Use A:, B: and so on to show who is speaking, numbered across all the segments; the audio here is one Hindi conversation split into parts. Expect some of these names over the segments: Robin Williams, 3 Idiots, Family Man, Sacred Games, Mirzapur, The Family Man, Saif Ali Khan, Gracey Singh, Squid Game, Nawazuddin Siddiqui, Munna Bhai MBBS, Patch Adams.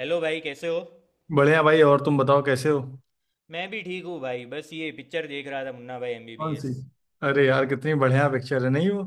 A: हेलो भाई, कैसे हो।
B: बढ़िया भाई। और तुम बताओ कैसे हो।
A: मैं भी ठीक हूँ भाई, बस ये पिक्चर देख रहा था, मुन्ना भाई
B: कौन सी।
A: एमबीबीएस।
B: अरे यार कितनी बढ़िया पिक्चर है। नहीं वो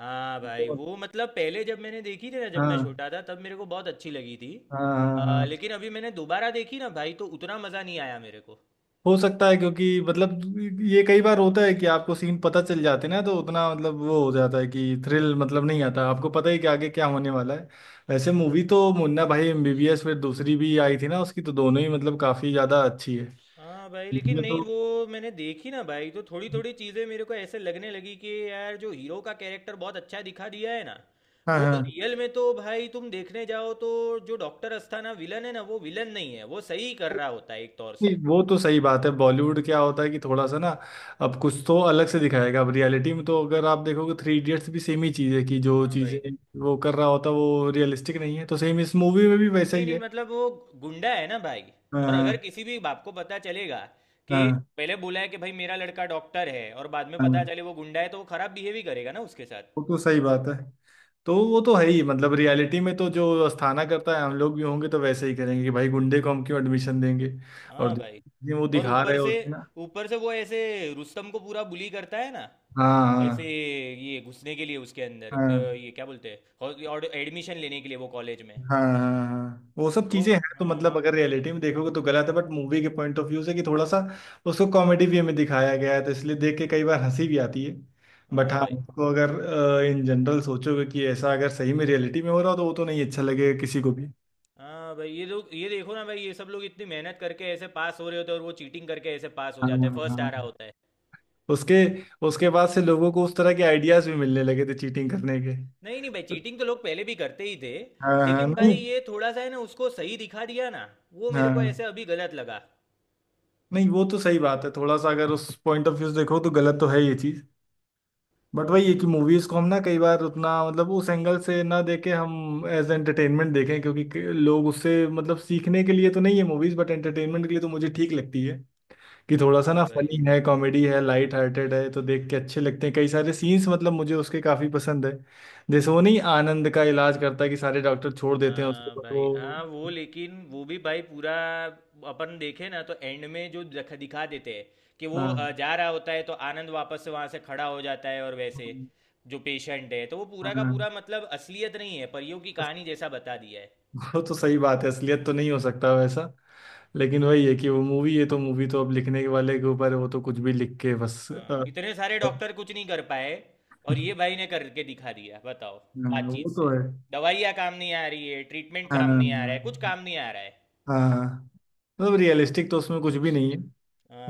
A: हाँ भाई,
B: तो,
A: वो मतलब पहले जब मैंने देखी थी ना, जब मैं
B: हाँ
A: छोटा था, तब मेरे को बहुत अच्छी लगी थी।
B: हाँ हाँ। हाँ,
A: लेकिन अभी मैंने दोबारा देखी ना भाई, तो उतना मज़ा नहीं आया मेरे को।
B: हो सकता है क्योंकि मतलब ये कई बार होता है कि आपको सीन पता चल जाते हैं ना, तो उतना मतलब वो हो जाता है कि थ्रिल मतलब नहीं आता, आपको पता ही कि आगे क्या होने वाला है। वैसे मूवी तो मुन्ना भाई एमबीबीएस, फिर दूसरी भी आई थी ना उसकी, तो दोनों ही मतलब काफी ज्यादा अच्छी है।
A: हाँ भाई, लेकिन
B: मुझे
A: नहीं
B: तो
A: वो मैंने देखी ना भाई, तो थोड़ी थोड़ी चीज़ें मेरे को ऐसे लगने लगी कि यार जो हीरो का कैरेक्टर बहुत अच्छा दिखा दिया है ना।
B: हाँ
A: वो
B: हाँ।
A: रियल में तो भाई तुम देखने जाओ तो। जो डॉक्टर अस्थाना विलन है ना, वो विलन नहीं है, वो सही कर रहा होता है एक तौर
B: नहीं
A: से।
B: वो तो सही बात है, बॉलीवुड क्या होता है कि थोड़ा सा ना, अब कुछ तो अलग से दिखाएगा। अब रियलिटी में तो अगर आप देखोगे थ्री इडियट्स भी सेम ही चीज़ है कि जो
A: हाँ भाई।
B: चीज़ें वो कर रहा होता है वो रियलिस्टिक नहीं है, तो सेम इस मूवी में भी वैसा
A: नहीं
B: ही
A: नहीं
B: है।
A: मतलब वो गुंडा है ना भाई। और अगर
B: हाँ
A: किसी भी बाप को पता चलेगा कि
B: हाँ
A: पहले बोला है कि भाई मेरा लड़का डॉक्टर है और बाद में पता
B: हाँ।
A: चले वो गुंडा है, तो वो खराब बिहेव ही करेगा ना उसके साथ।
B: वो तो सही बात है। तो वो तो है ही, मतलब रियलिटी में तो जो अस्थाना करता है हम लोग भी होंगे तो वैसे ही करेंगे कि भाई गुंडे को हम क्यों एडमिशन देंगे। और
A: हाँ भाई।
B: जो वो
A: और
B: दिखा रहे होते हैं ना।
A: ऊपर से वो ऐसे रुस्तम को पूरा बुली करता है ना,
B: हाँ
A: ऐसे।
B: हाँ
A: ये घुसने के लिए उसके अंदर
B: हाँ
A: ये क्या बोलते हैं। और एडमिशन लेने के लिए वो कॉलेज में।
B: हाँ हाँ, हाँ। वो सब
A: तो
B: चीजें हैं तो
A: हाँ।
B: मतलब अगर रियलिटी में देखोगे तो गलत है, बट मूवी के पॉइंट ऑफ व्यू से कि थोड़ा सा उसको कॉमेडी वे में दिखाया गया है, तो इसलिए देख के कई बार हंसी भी आती है। बट
A: हाँ
B: हाँ,
A: भाई।
B: उसको अगर इन जनरल सोचोगे कि ऐसा अगर सही में रियलिटी में हो रहा हो तो वो तो नहीं अच्छा लगेगा किसी को भी।
A: हाँ भाई, ये लोग ये देखो ना भाई, ये सब लोग इतनी मेहनत करके ऐसे पास हो रहे होते हैं, और वो चीटिंग करके ऐसे पास हो
B: हाँ
A: जाता है,
B: हाँ
A: फर्स्ट आ
B: हाँ।
A: रहा होता है।
B: उसके उसके बाद से लोगों को उस तरह के आइडियाज भी मिलने लगे थे चीटिंग करने के।
A: नहीं नहीं भाई, चीटिंग तो लोग पहले भी करते ही थे।
B: हाँ हाँ
A: लेकिन भाई
B: नहीं।
A: ये थोड़ा सा है ना, उसको सही दिखा दिया ना, वो मेरे को
B: हाँ
A: ऐसे अभी गलत लगा।
B: नहीं वो तो सही बात है, थोड़ा सा अगर उस पॉइंट ऑफ व्यू से देखो तो गलत तो है ये चीज। बट
A: हम्म।
B: वही है कि मूवीज को हम ना कई बार उतना मतलब उस एंगल से ना देके हम एज एंटरटेनमेंट देखें क्योंकि लोग उससे मतलब सीखने के लिए तो नहीं है मूवीज बट एंटरटेनमेंट के लिए, तो मुझे ठीक लगती है कि थोड़ा सा ना
A: हाँ भाई।
B: फनी है, कॉमेडी है, लाइट हार्टेड है, तो देख के अच्छे लगते हैं कई सारे सीन्स, मतलब मुझे उसके काफी पसंद है। जैसे वो नहीं आनंद का इलाज करता है कि सारे डॉक्टर छोड़ देते हैं उसको
A: हाँ
B: बट
A: भाई,
B: वो
A: हाँ वो लेकिन वो भी भाई पूरा, अपन देखे ना तो एंड में जो दिखा दिखा देते हैं कि वो
B: हाँ
A: जा रहा होता है तो आनंद वापस से वहां से खड़ा हो जाता है, और वैसे
B: हाँ
A: जो पेशेंट है, तो वो पूरा
B: हाँ।
A: का
B: हाँ।
A: पूरा मतलब असलियत नहीं है, परियों की कहानी जैसा बता दिया है।
B: वो तो सही बात है, असलियत तो नहीं हो सकता वैसा। लेकिन वही है कि वो मूवी है तो मूवी तो अब लिखने के वाले के ऊपर है, वो तो कुछ भी लिख के बस
A: हाँ, इतने सारे डॉक्टर कुछ नहीं कर पाए, और ये भाई ने करके दिखा दिया, बताओ।
B: हाँ,
A: बातचीत
B: वो तो
A: से।
B: है।
A: दवाइयाँ काम नहीं आ रही है, ट्रीटमेंट काम
B: हाँ
A: नहीं आ रहा है, कुछ काम नहीं आ रहा है।
B: हाँ, मतलब रियलिस्टिक तो उसमें कुछ भी नहीं है।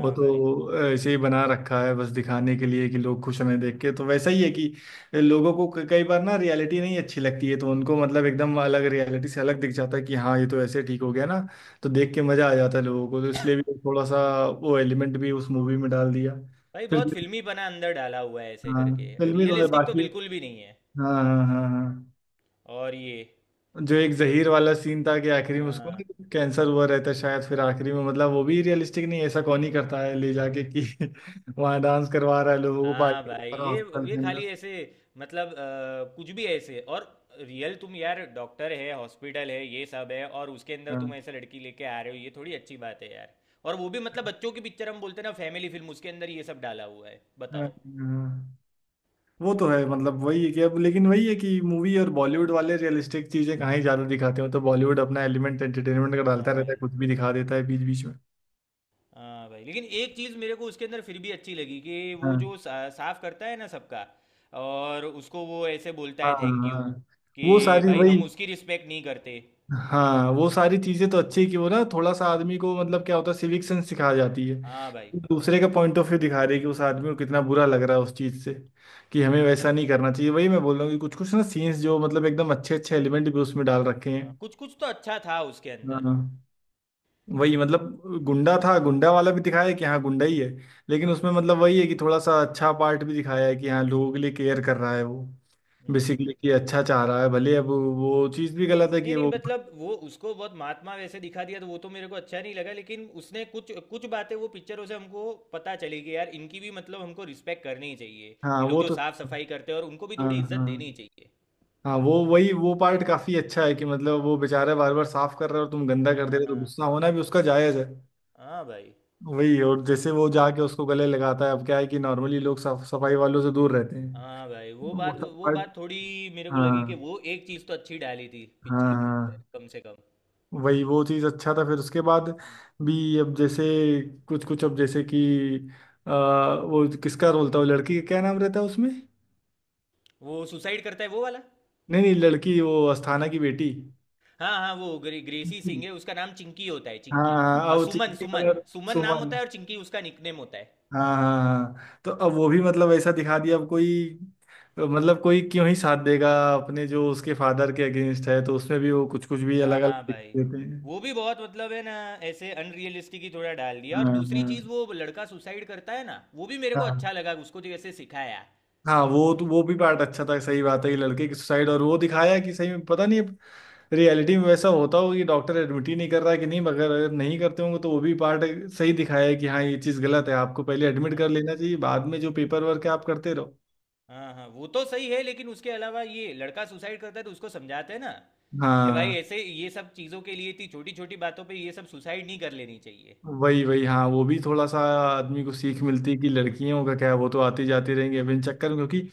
B: वो
A: भाई।
B: तो ऐसे ही बना रखा है बस दिखाने के लिए कि लोग खुश हमें देख के, तो वैसा ही है कि लोगों को कई बार ना रियलिटी नहीं अच्छी लगती है तो उनको मतलब एकदम अलग रियलिटी से अलग दिख जाता है कि हाँ ये तो ऐसे ठीक हो गया ना, तो देख के मजा आ जाता है लोगों को, तो इसलिए भी थोड़ा सा वो एलिमेंट भी उस मूवी में डाल दिया।
A: भाई
B: फिर
A: बहुत फिल्मी बना अंदर डाला हुआ है ऐसे
B: हाँ,
A: करके।
B: फिल्मी तो है
A: रियलिस्टिक तो
B: बाकी एक।
A: बिल्कुल भी नहीं है।
B: हाँ हाँ हाँ हाँ।
A: और ये।
B: जो एक जहीर वाला सीन था कि आखिरी में उसको
A: हाँ
B: ना कैंसर हुआ रहता है शायद, फिर आखिरी में मतलब वो भी रियलिस्टिक नहीं है, ऐसा कौन ही करता है ले जाके कि वहाँ डांस करवा रहा है लोगों को,
A: हाँ
B: पार्टी
A: भाई,
B: कर रहा है
A: ये
B: हॉस्पिटल
A: ये
B: के अंदर।
A: खाली ऐसे मतलब कुछ भी ऐसे। और रियल तुम, यार डॉक्टर है, हॉस्पिटल है, ये सब है, और उसके अंदर तुम
B: हाँ
A: ऐसे लड़की लेके आ रहे हो, ये थोड़ी अच्छी बात है यार। और वो भी मतलब बच्चों की पिक्चर, हम बोलते हैं ना फैमिली फिल्म, उसके अंदर ये सब डाला हुआ है,
B: हाँ,
A: बताओ।
B: हाँ। वो तो है, मतलब वही है कि अब लेकिन वही है कि मूवी और बॉलीवुड वाले रियलिस्टिक चीजें कहाँ ही ज्यादा दिखाते हो, तो बॉलीवुड अपना एलिमेंट एंटरटेनमेंट का डालता
A: हाँ
B: रहता है,
A: भाई।
B: कुछ भी दिखा देता है बीच बीच में।
A: हाँ भाई, लेकिन एक चीज़ मेरे को उसके अंदर फिर भी अच्छी लगी, कि वो
B: हाँ
A: जो साफ करता है ना सबका, और उसको वो ऐसे बोलता
B: हाँ
A: है थैंक यू,
B: हाँ वो
A: कि
B: सारी
A: भाई
B: वही,
A: हम उसकी रिस्पेक्ट नहीं करते।
B: हाँ वो सारी चीजें तो अच्छी है कि वो ना थोड़ा सा आदमी को मतलब क्या होता है सिविक सेंस सिखा जाती है,
A: हाँ भाई।
B: दूसरे का पॉइंट ऑफ व्यू दिखा रही है कि उस आदमी को कितना बुरा लग रहा है उस चीज से कि हमें वैसा नहीं करना चाहिए। वही मैं बोल रहा हूँ कि कुछ कुछ ना सीन्स जो मतलब एकदम अच्छे अच्छे एलिमेंट भी उसमें डाल रखे
A: हाँ,
B: हैं।
A: कुछ कुछ तो अच्छा था उसके अंदर।
B: हाँ वही मतलब गुंडा था, गुंडा वाला भी दिखाया है कि हाँ गुंडा ही है, लेकिन उसमें मतलब वही है कि थोड़ा सा अच्छा पार्ट भी दिखाया है कि हाँ लोगों के लिए केयर कर रहा है वो,
A: हम्म।
B: बेसिकली कि अच्छा चाह रहा है भले अब वो चीज़ भी गलत है
A: नहीं
B: कि
A: नहीं
B: वो
A: मतलब वो उसको बहुत महात्मा वैसे दिखा दिया, तो वो तो मेरे को अच्छा नहीं लगा, लेकिन उसने कुछ कुछ बातें वो पिक्चरों से हमको पता चली, कि यार इनकी भी मतलब हमको रिस्पेक्ट करनी चाहिए।
B: हाँ
A: ये लोग
B: वो
A: जो
B: तो
A: साफ सफाई करते हैं, और उनको भी
B: हाँ
A: थोड़ी इज्जत
B: हाँ
A: देनी चाहिए।
B: हाँ वो पार्ट काफी अच्छा है कि मतलब वो बेचारा बार बार साफ कर रहे हो और तुम गंदा कर दे रहे हो तो
A: हाँ
B: गुस्सा होना भी उसका जायज है।
A: हाँ भाई।
B: वही और जैसे वो जाके उसको गले लगाता है, अब क्या है कि नॉर्मली लोग साफ सफाई वालों से दूर रहते हैं
A: हाँ भाई,
B: तो वो सब
A: वो
B: पार्ट।
A: बात थोड़ी मेरे को लगी, कि
B: हाँ
A: वो एक चीज़ तो अच्छी डाली थी पिक्चर
B: हाँ
A: के
B: हाँ
A: अंदर कम से कम।
B: वही वो चीज़ अच्छा था, फिर उसके बाद
A: हम्म।
B: भी अब जैसे कुछ कुछ अब जैसे कि आ, वो किसका रोल था वो लड़की का क्या नाम रहता है उसमें।
A: वो सुसाइड करता है वो वाला।
B: नहीं नहीं लड़की वो अस्थाना की बेटी।
A: हाँ हाँ, वो ग्रेसी सिंह है, उसका नाम चिंकी होता है,
B: हाँ
A: चिंकी।
B: हाँ,
A: और
B: वो
A: सुमन
B: चिंकी
A: सुमन
B: वाला।
A: सुमन नाम
B: सुमन।
A: होता है, और चिंकी उसका निकनेम होता है।
B: हाँ हाँ, हाँ। तो अब वो भी मतलब ऐसा दिखा दिया अब कोई, तो मतलब कोई क्यों ही साथ देगा अपने जो उसके फादर के अगेंस्ट है, तो उसमें भी वो कुछ कुछ भी अलग अलग
A: हाँ
B: दिख
A: भाई,
B: देते हैं।
A: वो भी बहुत मतलब है ना, ऐसे अनरियलिस्टिक ही थोड़ा डाल दिया। और
B: हाँ
A: दूसरी
B: हाँ
A: चीज़ वो लड़का सुसाइड करता है ना, वो भी मेरे को
B: हाँ
A: अच्छा लगा, उसको जो ऐसे सिखाया।
B: हाँ वो तो वो भी पार्ट अच्छा था, सही बात है कि लड़के की सुसाइड और वो दिखाया कि सही में पता नहीं अब रियलिटी में वैसा होता हो कि डॉक्टर एडमिट ही नहीं कर रहा है कि नहीं, मगर अगर नहीं करते होंगे तो वो भी पार्ट सही दिखाया है कि हाँ ये चीज़ गलत है, आपको पहले एडमिट
A: हाँ
B: कर लेना चाहिए, बाद में जो पेपर वर्क है आप करते रहो।
A: हाँ हाँ, वो तो सही है, लेकिन उसके अलावा ये लड़का सुसाइड करता है तो उसको समझाते हैं ना, कि भाई
B: हाँ
A: ऐसे ये सब चीज़ों के लिए, इतनी छोटी छोटी बातों पे ये सब सुसाइड नहीं कर लेनी चाहिए।
B: वही वही हाँ वो भी थोड़ा सा आदमी को सीख मिलती है कि लड़कियों का क्या है, वो तो आती जाती रहेंगी बिन चक्कर में क्योंकि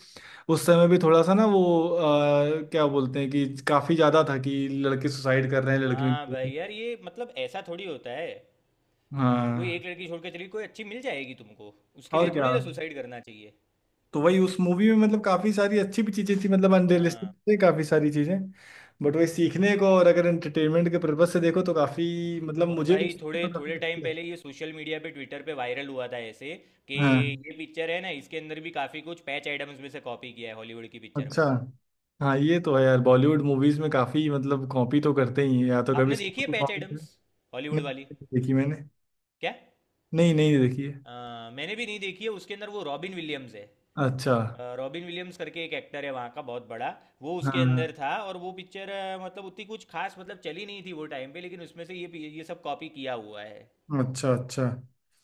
B: उस समय भी थोड़ा सा ना वो क्या बोलते हैं कि काफी ज्यादा था कि लड़के सुसाइड कर रहे हैं लड़कियों
A: हाँ भाई
B: की।
A: यार, ये मतलब ऐसा थोड़ी होता है, कोई
B: हाँ
A: एक लड़की छोड़ के चली, कोई अच्छी मिल जाएगी तुमको, उसके लिए
B: और क्या,
A: थोड़ी ना सुसाइड करना चाहिए।
B: तो वही उस मूवी में मतलब काफी सारी अच्छी भी चीजें थी, मतलब अनरियलिस्टिक
A: हाँ।
B: थी काफी सारी चीजें, बट वही सीखने को और अगर एंटरटेनमेंट के पर्पज से देखो तो काफी मतलब
A: और
B: मुझे भी
A: भाई थोड़े
B: तो
A: थोड़े
B: काफी
A: टाइम
B: अच्छी लगी।
A: पहले ये सोशल मीडिया पे, ट्विटर पे वायरल हुआ था ऐसे, कि
B: हाँ
A: ये पिक्चर है ना, इसके अंदर भी काफ़ी कुछ पैच एडम्स में से कॉपी किया है, हॉलीवुड की पिक्चर में
B: अच्छा।
A: से।
B: हाँ ये तो है यार, बॉलीवुड मूवीज में काफी मतलब कॉपी तो करते ही हैं, या तो कभी
A: आपने देखी
B: साउथ
A: है
B: की
A: पैच
B: कॉपी कर।
A: एडम्स, हॉलीवुड
B: नहीं
A: वाली?
B: नहीं देखी मैंने।
A: क्या?
B: नहीं नहीं देखी है।
A: मैंने भी नहीं देखी है, उसके अंदर वो रॉबिन विलियम्स है।
B: अच्छा।
A: रॉबिन विलियम्स करके एक एक्टर है वहाँ का बहुत बड़ा, वो उसके अंदर
B: हाँ।
A: था। और वो पिक्चर मतलब उतनी कुछ खास मतलब चली नहीं थी वो टाइम पे, लेकिन उसमें से ये सब कॉपी किया हुआ है।
B: अच्छा अच्छा।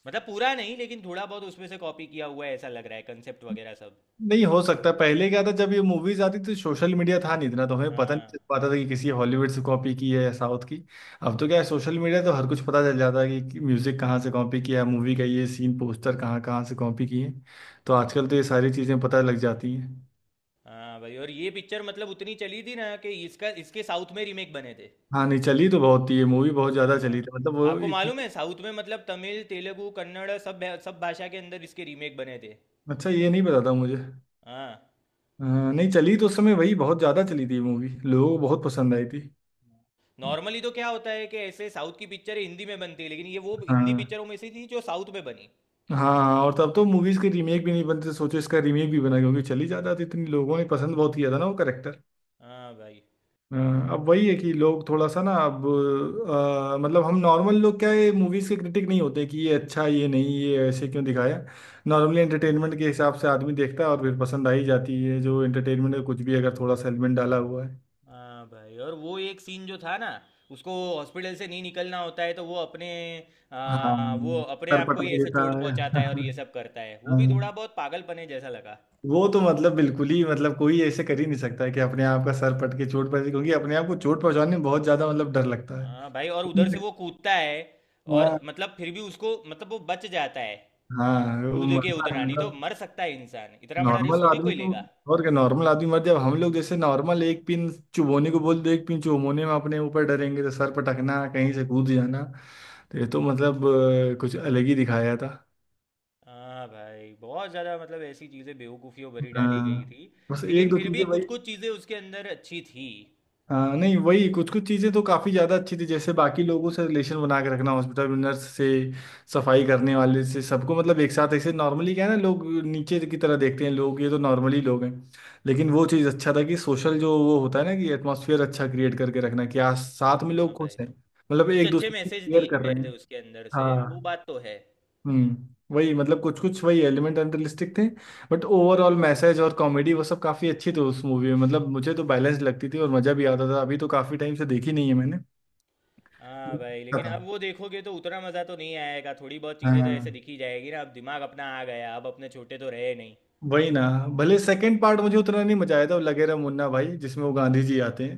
A: मतलब पूरा नहीं, लेकिन थोड़ा बहुत उसमें से कॉपी किया हुआ है, ऐसा लग रहा है कंसेप्ट वगैरह सब।
B: नहीं हो सकता है। पहले क्या था, जब ये मूवीज आती थी सोशल मीडिया था नहीं इतना, तो हमें पता नहीं
A: हाँ
B: चल पाता था कि किसी हॉलीवुड से कॉपी की है या साउथ की। अब तो क्या है, सोशल मीडिया तो हर कुछ पता चल जाता है कि म्यूजिक कहाँ से कॉपी किया है, मूवी का ये सीन पोस्टर कहाँ कहाँ से कॉपी किए, तो आजकल तो ये सारी चीजें पता लग जाती हैं।
A: हाँ भाई। और ये पिक्चर मतलब उतनी चली थी ना, कि इसका इसके साउथ में रीमेक बने थे।
B: हाँ नहीं, चली तो बहुत थी ये मूवी, बहुत ज्यादा
A: हाँ।
B: चली थी मतलब। वो
A: आपको मालूम है साउथ में मतलब तमिल, तेलुगु, कन्नड़, सब सब भाषा के अंदर इसके रीमेक बने थे।
B: अच्छा ये नहीं पता था मुझे।
A: हाँ।
B: अ, नहीं चली तो उस समय वही बहुत ज़्यादा चली थी मूवी, लोगों को बहुत पसंद आई थी।
A: नॉर्मली तो क्या होता है कि ऐसे साउथ की पिक्चर हिंदी में बनती है, लेकिन ये वो हिंदी
B: हाँ
A: पिक्चरों में से थी जो साउथ में बनी।
B: हाँ और तब तो मूवीज के रीमेक भी नहीं बनते, तो सोचो इसका रीमेक भी बना क्योंकि चली जाता था, इतनी लोगों ने पसंद बहुत किया था ना वो करेक्टर।
A: हाँ भाई।
B: अब वही है कि लोग थोड़ा सा ना अब मतलब हम नॉर्मल लोग क्या है, मूवीज के क्रिटिक नहीं होते कि ये अच्छा ये नहीं ये ऐसे क्यों दिखाया, नॉर्मली एंटरटेनमेंट के हिसाब से आदमी देखता है और फिर पसंद आ ही जाती है जो एंटरटेनमेंट में कुछ भी अगर थोड़ा सा एलिमेंट डाला हुआ है।
A: हाँ भाई, और वो एक सीन जो था ना, उसको हॉस्पिटल से नहीं निकलना होता है तो
B: हाँ,
A: वो अपने
B: सर
A: आप को
B: पटक
A: ही ऐसे
B: लेता
A: चोट
B: है।
A: पहुंचाता है, और ये सब करता है, वो भी थोड़ा
B: हाँ,
A: बहुत पागलपने जैसा लगा।
B: वो तो मतलब बिल्कुल ही मतलब कोई ऐसे कर ही नहीं सकता है कि अपने आप का सर पटके चोट पहुंचे, क्योंकि अपने आप को चोट पहुंचाने में बहुत ज्यादा मतलब डर लगता
A: हाँ भाई, और उधर से
B: है।
A: वो कूदता है, और
B: हाँ
A: मतलब फिर भी उसको मतलब वो बच जाता है।
B: हाँ, वो
A: कूद के
B: मरता है
A: उतना नहीं तो
B: मतलब।
A: मर सकता है इंसान, इतना बड़ा रिस्क
B: नॉर्मल
A: थोड़ी
B: आदमी
A: कोई
B: तो
A: लेगा।
B: और क्या नॉर्मल आदमी मर, जब हम लोग जैसे नॉर्मल एक पिन चुभोने को बोल दो, एक पिन चुभोने में अपने ऊपर डरेंगे तो सर पटकना कहीं से कूद जाना तो ये तो मतलब कुछ अलग ही दिखाया था।
A: हाँ भाई, बहुत ज़्यादा मतलब ऐसी चीज़ें बेवकूफ़ियों भरी डाली गई
B: हाँ
A: थी,
B: बस एक
A: लेकिन
B: दो
A: फिर भी
B: चीजें भाई।
A: कुछ कुछ चीज़ें उसके अंदर अच्छी थी।
B: हाँ नहीं वही, कुछ कुछ चीज़ें तो काफ़ी ज़्यादा अच्छी थी, जैसे बाकी लोगों
A: हम्म।
B: से रिलेशन बना के रखना, हॉस्पिटल में नर्स से सफाई करने वाले से सबको, मतलब एक साथ ऐसे, नॉर्मली क्या है ना लोग नीचे की तरह देखते हैं लोग ये तो नॉर्मली लोग हैं, लेकिन वो चीज़ अच्छा था कि सोशल जो वो होता है ना कि एटमोसफियर अच्छा क्रिएट करके रखना कि आज साथ में
A: हाँ
B: लोग
A: भाई,
B: खुश हैं, मतलब
A: कुछ
B: एक
A: अच्छे
B: दूसरे की
A: मैसेज
B: केयर
A: दिए
B: कर
A: गए
B: रहे
A: थे
B: हैं।
A: उसके अंदर से, वो
B: हाँ।
A: बात तो है।
B: वही, मतलब कुछ कुछ वही एलिमेंट अनरियलिस्टिक थे, बट ओवरऑल मैसेज और कॉमेडी वो सब काफी अच्छी थी उस मूवी में, मतलब मुझे तो बैलेंस लगती थी और मजा भी आता था, अभी तो काफी टाइम से देखी नहीं है मैंने।
A: हाँ भाई,
B: देखा
A: लेकिन
B: था।
A: अब वो देखोगे तो उतना मज़ा तो नहीं आएगा, थोड़ी बहुत चीज़ें तो ऐसे
B: हाँ
A: दिखी जाएगी ना, अब दिमाग अपना आ गया, अब अपने छोटे तो रहे नहीं।
B: वही ना, भले सेकंड पार्ट मुझे उतना नहीं मजा आया था वो लगेरा मुन्ना भाई जिसमें वो गांधी जी आते हैं,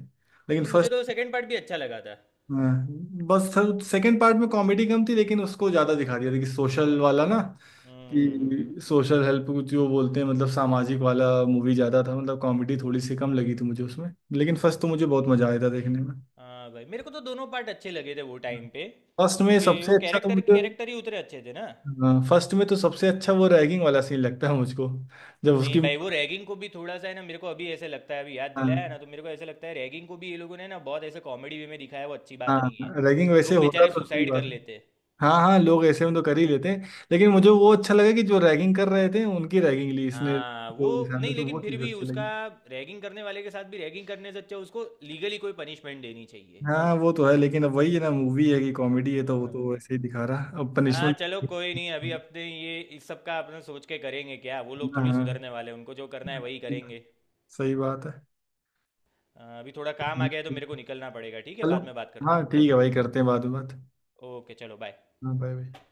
B: लेकिन
A: नहीं, मुझे
B: फर्स्ट
A: तो सेकंड पार्ट भी अच्छा लगा था।
B: बस, सेकंड पार्ट में कॉमेडी कम थी लेकिन उसको ज्यादा दिखा दिया था कि सोशल वाला ना,
A: हम्म हम्म, हम्म।
B: कि सोशल हेल्प जो बोलते हैं, मतलब सामाजिक वाला मूवी ज़्यादा था, मतलब कॉमेडी थोड़ी सी कम लगी थी मुझे उसमें, लेकिन फर्स्ट तो मुझे बहुत मज़ा आया था देखने में।
A: हाँ भाई, मेरे को तो दोनों पार्ट अच्छे लगे थे वो टाइम पे,
B: फर्स्ट में
A: क्योंकि वो
B: सबसे अच्छा तो
A: कैरेक्टर के
B: मुझे,
A: कैरेक्टर ही उतने अच्छे थे ना।
B: हाँ, फर्स्ट में तो सबसे अच्छा वो रैगिंग वाला सीन लगता है मुझको, जब
A: नहीं
B: उसकी
A: भाई, वो रैगिंग को भी थोड़ा सा है ना, मेरे को अभी ऐसे लगता है, अभी याद
B: हाँ
A: दिलाया ना, तो मेरे को ऐसे लगता है, रैगिंग को भी ये लोगों ने ना बहुत ऐसे कॉमेडी वे में दिखाया, वो अच्छी बात
B: हाँ
A: नहीं है।
B: रैगिंग वैसे
A: लोग
B: होता
A: बेचारे
B: तो सही
A: सुसाइड कर
B: बात है।
A: लेते।
B: हाँ हाँ लोग ऐसे में तो कर ही लेते हैं लेकिन मुझे वो अच्छा लगा कि जो रैगिंग कर रहे थे उनकी रैगिंग ली इसने
A: हाँ वो।
B: लोगों के
A: नहीं
B: सामने, तो
A: लेकिन
B: वो
A: फिर
B: चीज़
A: भी
B: अच्छी
A: उसका,
B: लगी।
A: रैगिंग करने वाले के साथ भी रैगिंग करने से अच्छा उसको लीगली कोई पनिशमेंट देनी चाहिए।
B: हाँ वो तो है लेकिन अब वही है ना मूवी है कि कॉमेडी है तो वो
A: हाँ
B: तो
A: भाई।
B: ऐसे ही दिखा रहा अब
A: हाँ,
B: पनिशमेंट।
A: चलो कोई नहीं, अभी अपने ये इस सब का अपने सोच के करेंगे क्या, वो लोग थोड़ी
B: हाँ
A: सुधरने वाले हैं, उनको जो करना है वही
B: हाँ
A: करेंगे।
B: सही बात है।
A: हाँ, अभी थोड़ा काम आ गया है तो मेरे को निकलना पड़ेगा, ठीक है,
B: चलो
A: बाद में बात करते हैं।
B: हाँ ठीक है भाई, करते हैं बाद में बात।
A: ओके, चलो बाय।
B: हाँ बाय बाय।